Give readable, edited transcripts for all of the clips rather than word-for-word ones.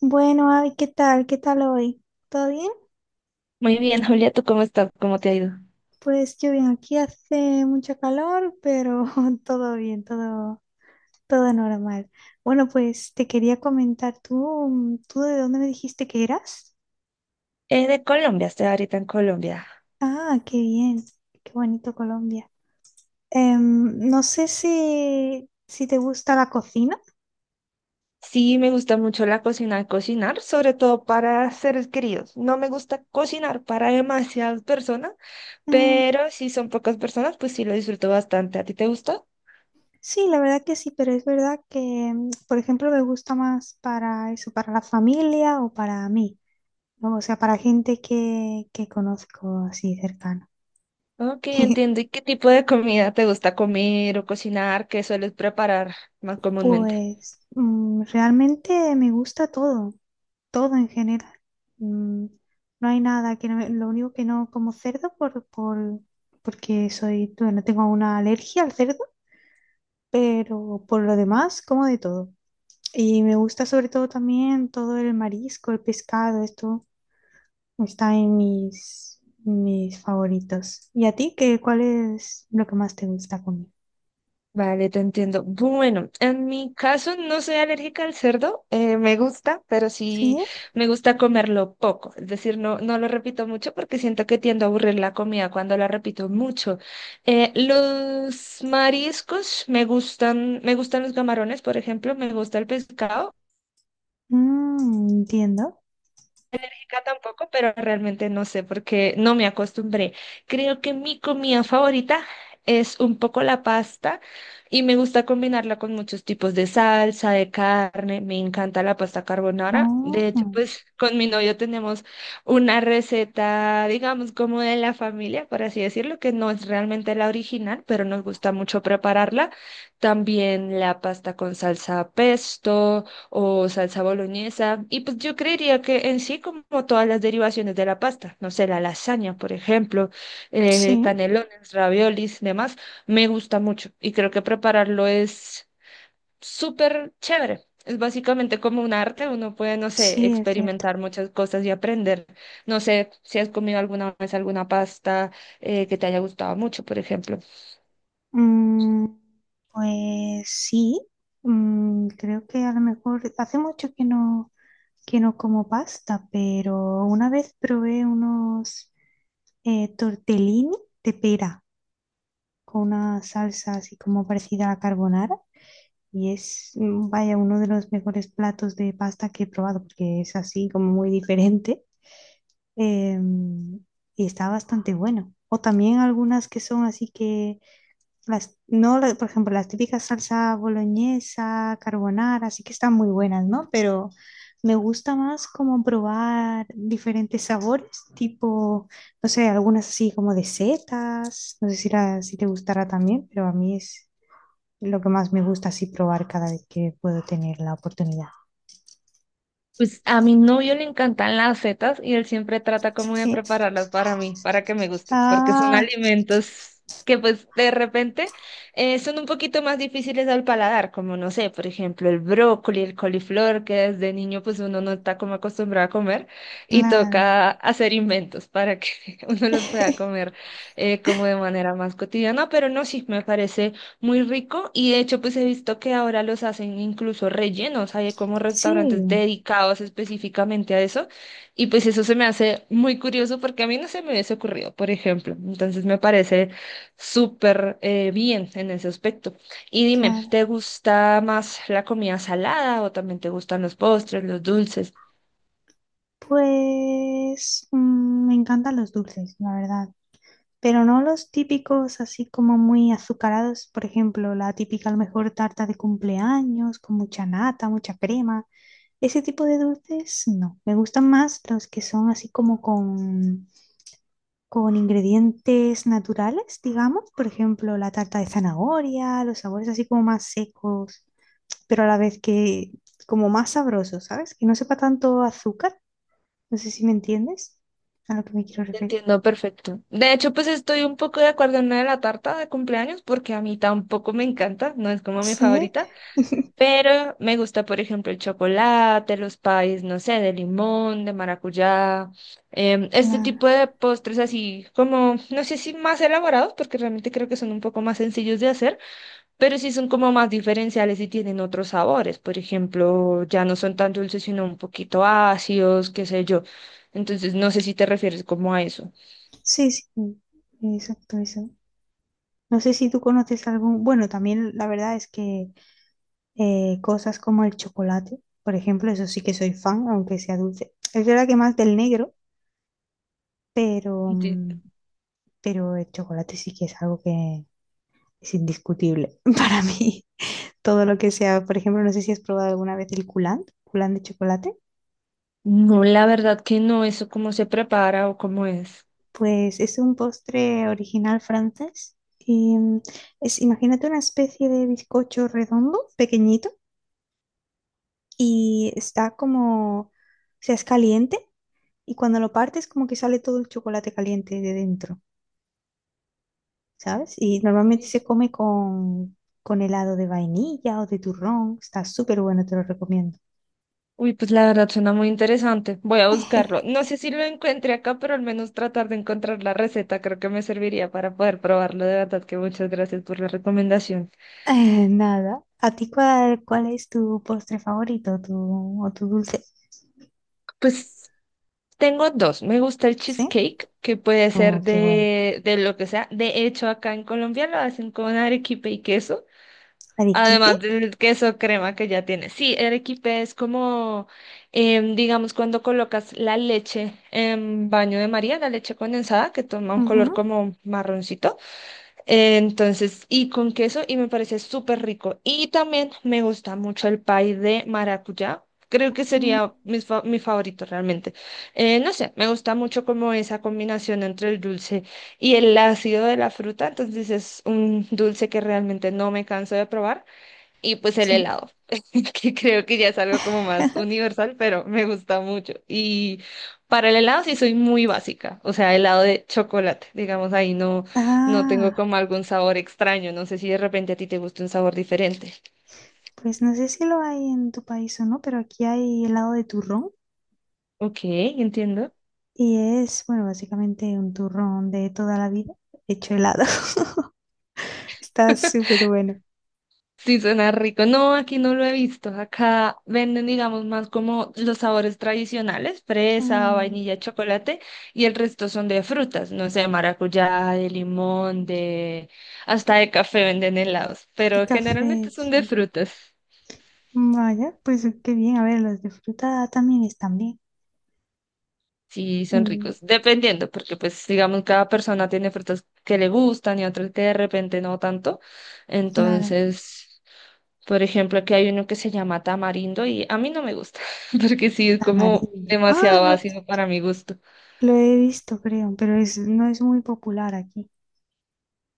Bueno, Abby, ¿qué tal? ¿Qué tal hoy? ¿Todo bien? Muy bien, Julia, ¿tú cómo estás? ¿Cómo te ha ido? Pues yo bien, aquí hace mucho calor, pero todo bien, todo, todo normal. Bueno, pues te quería comentar, ¿tú de dónde me dijiste que eras? Es de Colombia, estoy ahorita en Colombia. Ah, qué bien, qué bonito Colombia. No sé si te gusta la cocina. Sí, me gusta mucho la cocina, cocinar, sobre todo para seres queridos. No me gusta cocinar para demasiadas personas, Mm, pero si son pocas personas, pues sí lo disfruto bastante. ¿A ti te gusta? sí, la verdad que sí, pero es verdad que, por ejemplo, me gusta más para eso, para la familia o para mí. No, o sea, para gente que conozco así cercana. Ok, entiendo. ¿Y qué tipo de comida te gusta comer o cocinar? ¿Qué sueles preparar más comúnmente? Pues realmente me gusta todo, todo en general. Mm, no hay nada que no me- lo único que no como cerdo por porque soy, no tengo una alergia al cerdo, pero por lo demás como de todo. Y me gusta sobre todo también todo el marisco, el pescado, esto está en mis mis favoritos. ¿Y a ti qué cuál es lo que más te gusta comer? Vale, te entiendo. Bueno, en mi caso no soy alérgica al cerdo, me gusta, pero sí Sí. me gusta comerlo poco. Es decir, no lo repito mucho porque siento que tiendo a aburrir la comida cuando la repito mucho. Los mariscos me gustan los camarones, por ejemplo, me gusta el pescado. Mm, entiendo. Rica tampoco, pero realmente no sé porque no me acostumbré. Creo que mi comida favorita es un poco la pasta y me gusta combinarla con muchos tipos de salsa, de carne. Me encanta la pasta carbonara. Oh, De hecho, mm. pues con mi novio tenemos una receta, digamos, como de la familia, por así decirlo, que no es realmente la original, pero nos gusta mucho prepararla. También la pasta con salsa pesto o salsa boloñesa. Y pues yo creería que en sí, como todas las derivaciones de la pasta, no sé, la lasaña, por ejemplo, Sí, canelones, raviolis, demás, me gusta mucho y creo que prepararlo es súper chévere. Es básicamente como un arte, uno puede, no sé, sí, es cierto. experimentar muchas cosas y aprender. No sé si has comido alguna vez alguna pasta que te haya gustado mucho, por ejemplo. Mm, pues sí. Mm, creo que a lo mejor hace mucho que no como pasta, pero una vez probé unos tortellini de pera con una salsa así como parecida a la carbonara y es, vaya, uno de los mejores platos de pasta que he probado porque es así como muy diferente. eh, y está bastante bueno. O también algunas que son así que, las, no, la- por ejemplo, las típicas salsa boloñesa, carbonara, así que están muy buenas, ¿no? Pero me gusta más como probar diferentes sabores, tipo, no sé, algunas así como de setas, no sé si, la- si te gustará también, pero a mí es lo que más me gusta así probar cada vez que puedo tener la oportunidad. Pues a mi novio le encantan las setas y él siempre trata como de Sí, prepararlas para mí, para que me gusten, porque son ah, alimentos que pues de repente son un poquito más difíciles al paladar, como no sé, por ejemplo, el brócoli, el coliflor, que desde niño pues uno no está como acostumbrado a comer y claro, toca hacer inventos para que uno los pueda comer como de manera más cotidiana, pero no, sí, me parece. Muy rico y de hecho pues he visto que ahora los hacen incluso rellenos, hay como sí, restaurantes dedicados específicamente a eso y pues eso se me hace muy curioso porque a mí no se me hubiese ocurrido, por ejemplo, entonces me parece súper bien en ese aspecto. Y dime, claro. ¿te gusta más la comida salada o también te gustan los postres, los dulces? Pues me encantan los dulces, la verdad. Pero no los típicos así como muy azucarados, por ejemplo, la típica a lo mejor tarta de cumpleaños con mucha nata, mucha crema. Ese tipo de dulces no. Me gustan más los que son así como con ingredientes naturales, digamos. Por ejemplo, la tarta de zanahoria, los sabores así como más secos, pero a la vez que como más sabrosos, ¿sabes? Que no sepa tanto azúcar, no sé si me entiendes a lo que me quiero Te referir. entiendo perfecto. De hecho, pues estoy un poco de acuerdo en la de la tarta de cumpleaños porque a mí tampoco me encanta, no es como mi Sí, favorita. Pero me gusta, por ejemplo, el chocolate, los pies, no sé, de limón, de maracuyá, este claro. tipo de postres así como, no sé si más elaborados, porque realmente creo que son un poco más sencillos de hacer, pero sí son como más diferenciales y tienen otros sabores. Por ejemplo, ya no son tan dulces, sino un poquito ácidos, qué sé yo. Entonces, no sé si te refieres como a eso. Sí, sí, sí, exacto, eso. No sé si tú conoces algún... Bueno, también la verdad es que cosas como el chocolate, por ejemplo, eso sí que soy fan, aunque sea dulce. Es verdad que más del negro, pero, Entiendo. mm, pero el chocolate sí que es algo que es indiscutible para mí. Todo lo que sea, por ejemplo, no sé si has probado alguna vez el coulant, coulant de chocolate. No, la verdad que no, eso cómo se prepara o cómo es. Pues es un postre original francés. Y es, imagínate una especie de bizcocho redondo, pequeñito, y está como, o sea, es caliente y cuando lo partes como que sale todo el chocolate caliente de dentro, ¿sabes? Y normalmente se come con helado de vainilla o de turrón. Está súper bueno, te lo recomiendo. Uy, pues la verdad suena muy interesante. Voy a buscarlo. No sé si lo encuentre acá, pero al menos tratar de encontrar la receta creo que me serviría para poder probarlo. De verdad que muchas gracias por la recomendación. Nada. ¿A ti cuál es tu postre favorito tu, o tu dulce? Pues tengo dos. Me gusta el ¿Sí? cheesecake, que puede ser Oh, qué bueno. de lo que sea. De hecho, acá en Colombia lo hacen con arequipe y queso. ¿Arequipe? Además del queso crema que ya tiene. Sí, el arequipe es como, digamos, cuando colocas la leche en baño de María, la leche condensada, que toma un color Ujú. como marroncito. Entonces, y con queso, y me parece súper rico. Y también me gusta mucho el pay de maracuyá. Creo que Mm. sería mi, mi favorito realmente. No sé, me gusta mucho como esa combinación entre el dulce y el ácido de la fruta. Entonces es un dulce que realmente no me canso de probar. Y pues el Sí. helado, que creo que ya es algo como más universal, pero me gusta mucho. Y para el helado sí soy muy básica, o sea, helado de chocolate, digamos, ahí no, no tengo Ah, como algún sabor extraño, no sé si de repente a ti te gusta un sabor diferente. pues no sé si lo hay en tu país o no, pero aquí hay helado de turrón Ok, entiendo. y es, bueno, básicamente un turrón de toda la vida hecho helado. Está súper bueno. Sí, suena rico. No, aquí no lo he visto. Acá venden, digamos, más como los sabores tradicionales, fresa, Mm, vainilla, chocolate, y el resto son de frutas, no sé, maracuyá, de limón, de... hasta de café venden helados, y pero generalmente café, son de sí. frutas. Vaya, pues qué bien. A ver, los de fruta también están bien. Sí, son Mm, ricos, dependiendo, porque pues digamos, cada persona tiene frutas que le gustan y otras que de repente no tanto. claro. Entonces... Por ejemplo, aquí hay uno que se llama tamarindo y a mí no me gusta, porque sí es como Tamarindo. Ah, demasiado ácido para mi gusto. lo he visto, creo, pero es, no es muy popular aquí.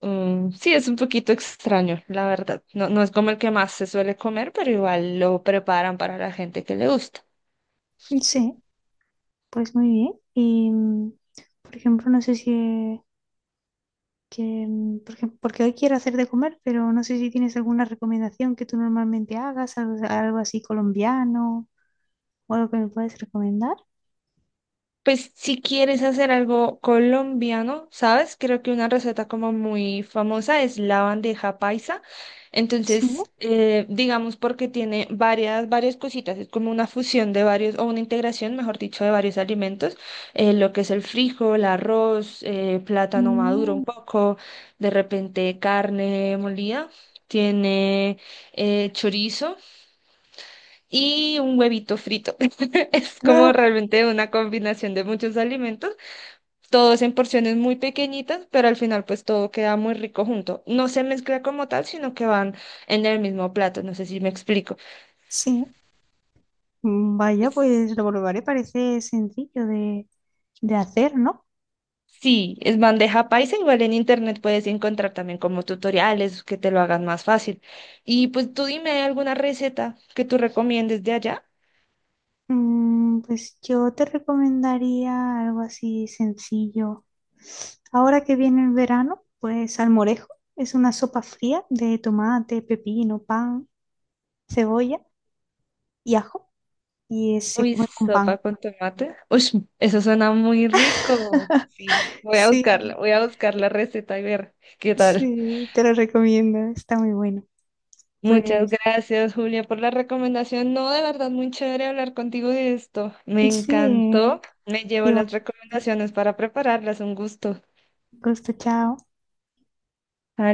Mm, sí, es un poquito extraño, la verdad. No, no es como el que más se suele comer, pero igual lo preparan para la gente que le gusta. Sí, pues muy bien. Y, por ejemplo, no sé si que, por ejemplo, porque hoy quiero hacer de comer, pero no sé si tienes alguna recomendación que tú normalmente hagas, algo, algo así colombiano o algo que me puedes recomendar. Pues si quieres hacer algo colombiano, ¿sabes? Creo que una receta como muy famosa es la bandeja paisa. Sí. Entonces, digamos porque tiene varias cositas. Es como una fusión de varios, o una integración, mejor dicho, de varios alimentos. Lo que es el frijol, arroz, plátano maduro Mm. un poco, de repente carne molida. Tiene chorizo y un huevito frito. Es como Ah, realmente una combinación de muchos alimentos todos en porciones muy pequeñitas, pero al final pues todo queda muy rico junto. No se mezcla como tal, sino que van en el mismo plato, no sé si me explico. sí. Mm, vaya, pues S- lo probaré, parece sencillo de hacer, ¿no? Sí, es bandeja paisa, igual en internet puedes encontrar también como tutoriales que te lo hagan más fácil. Y pues tú dime alguna receta que tú recomiendes de allá. Mm, pues yo te recomendaría algo así sencillo. Ahora que viene el verano, pues salmorejo es una sopa fría de tomate, pepino, pan, cebolla y ajo. Y es- se Uy, come con sopa pan. con tomate. Uy, eso suena muy rico. Sí, voy a Sí, buscarla, voy a buscar la receta y ver qué tal. sí, te lo recomiendo, está muy bueno. Muchas Pues gracias, Julia, por la recomendación. No, de verdad, muy chévere hablar contigo de esto. Me sí, encantó. Me llevo las igualmente, recomendaciones para prepararlas. Un gusto. gusto, chao.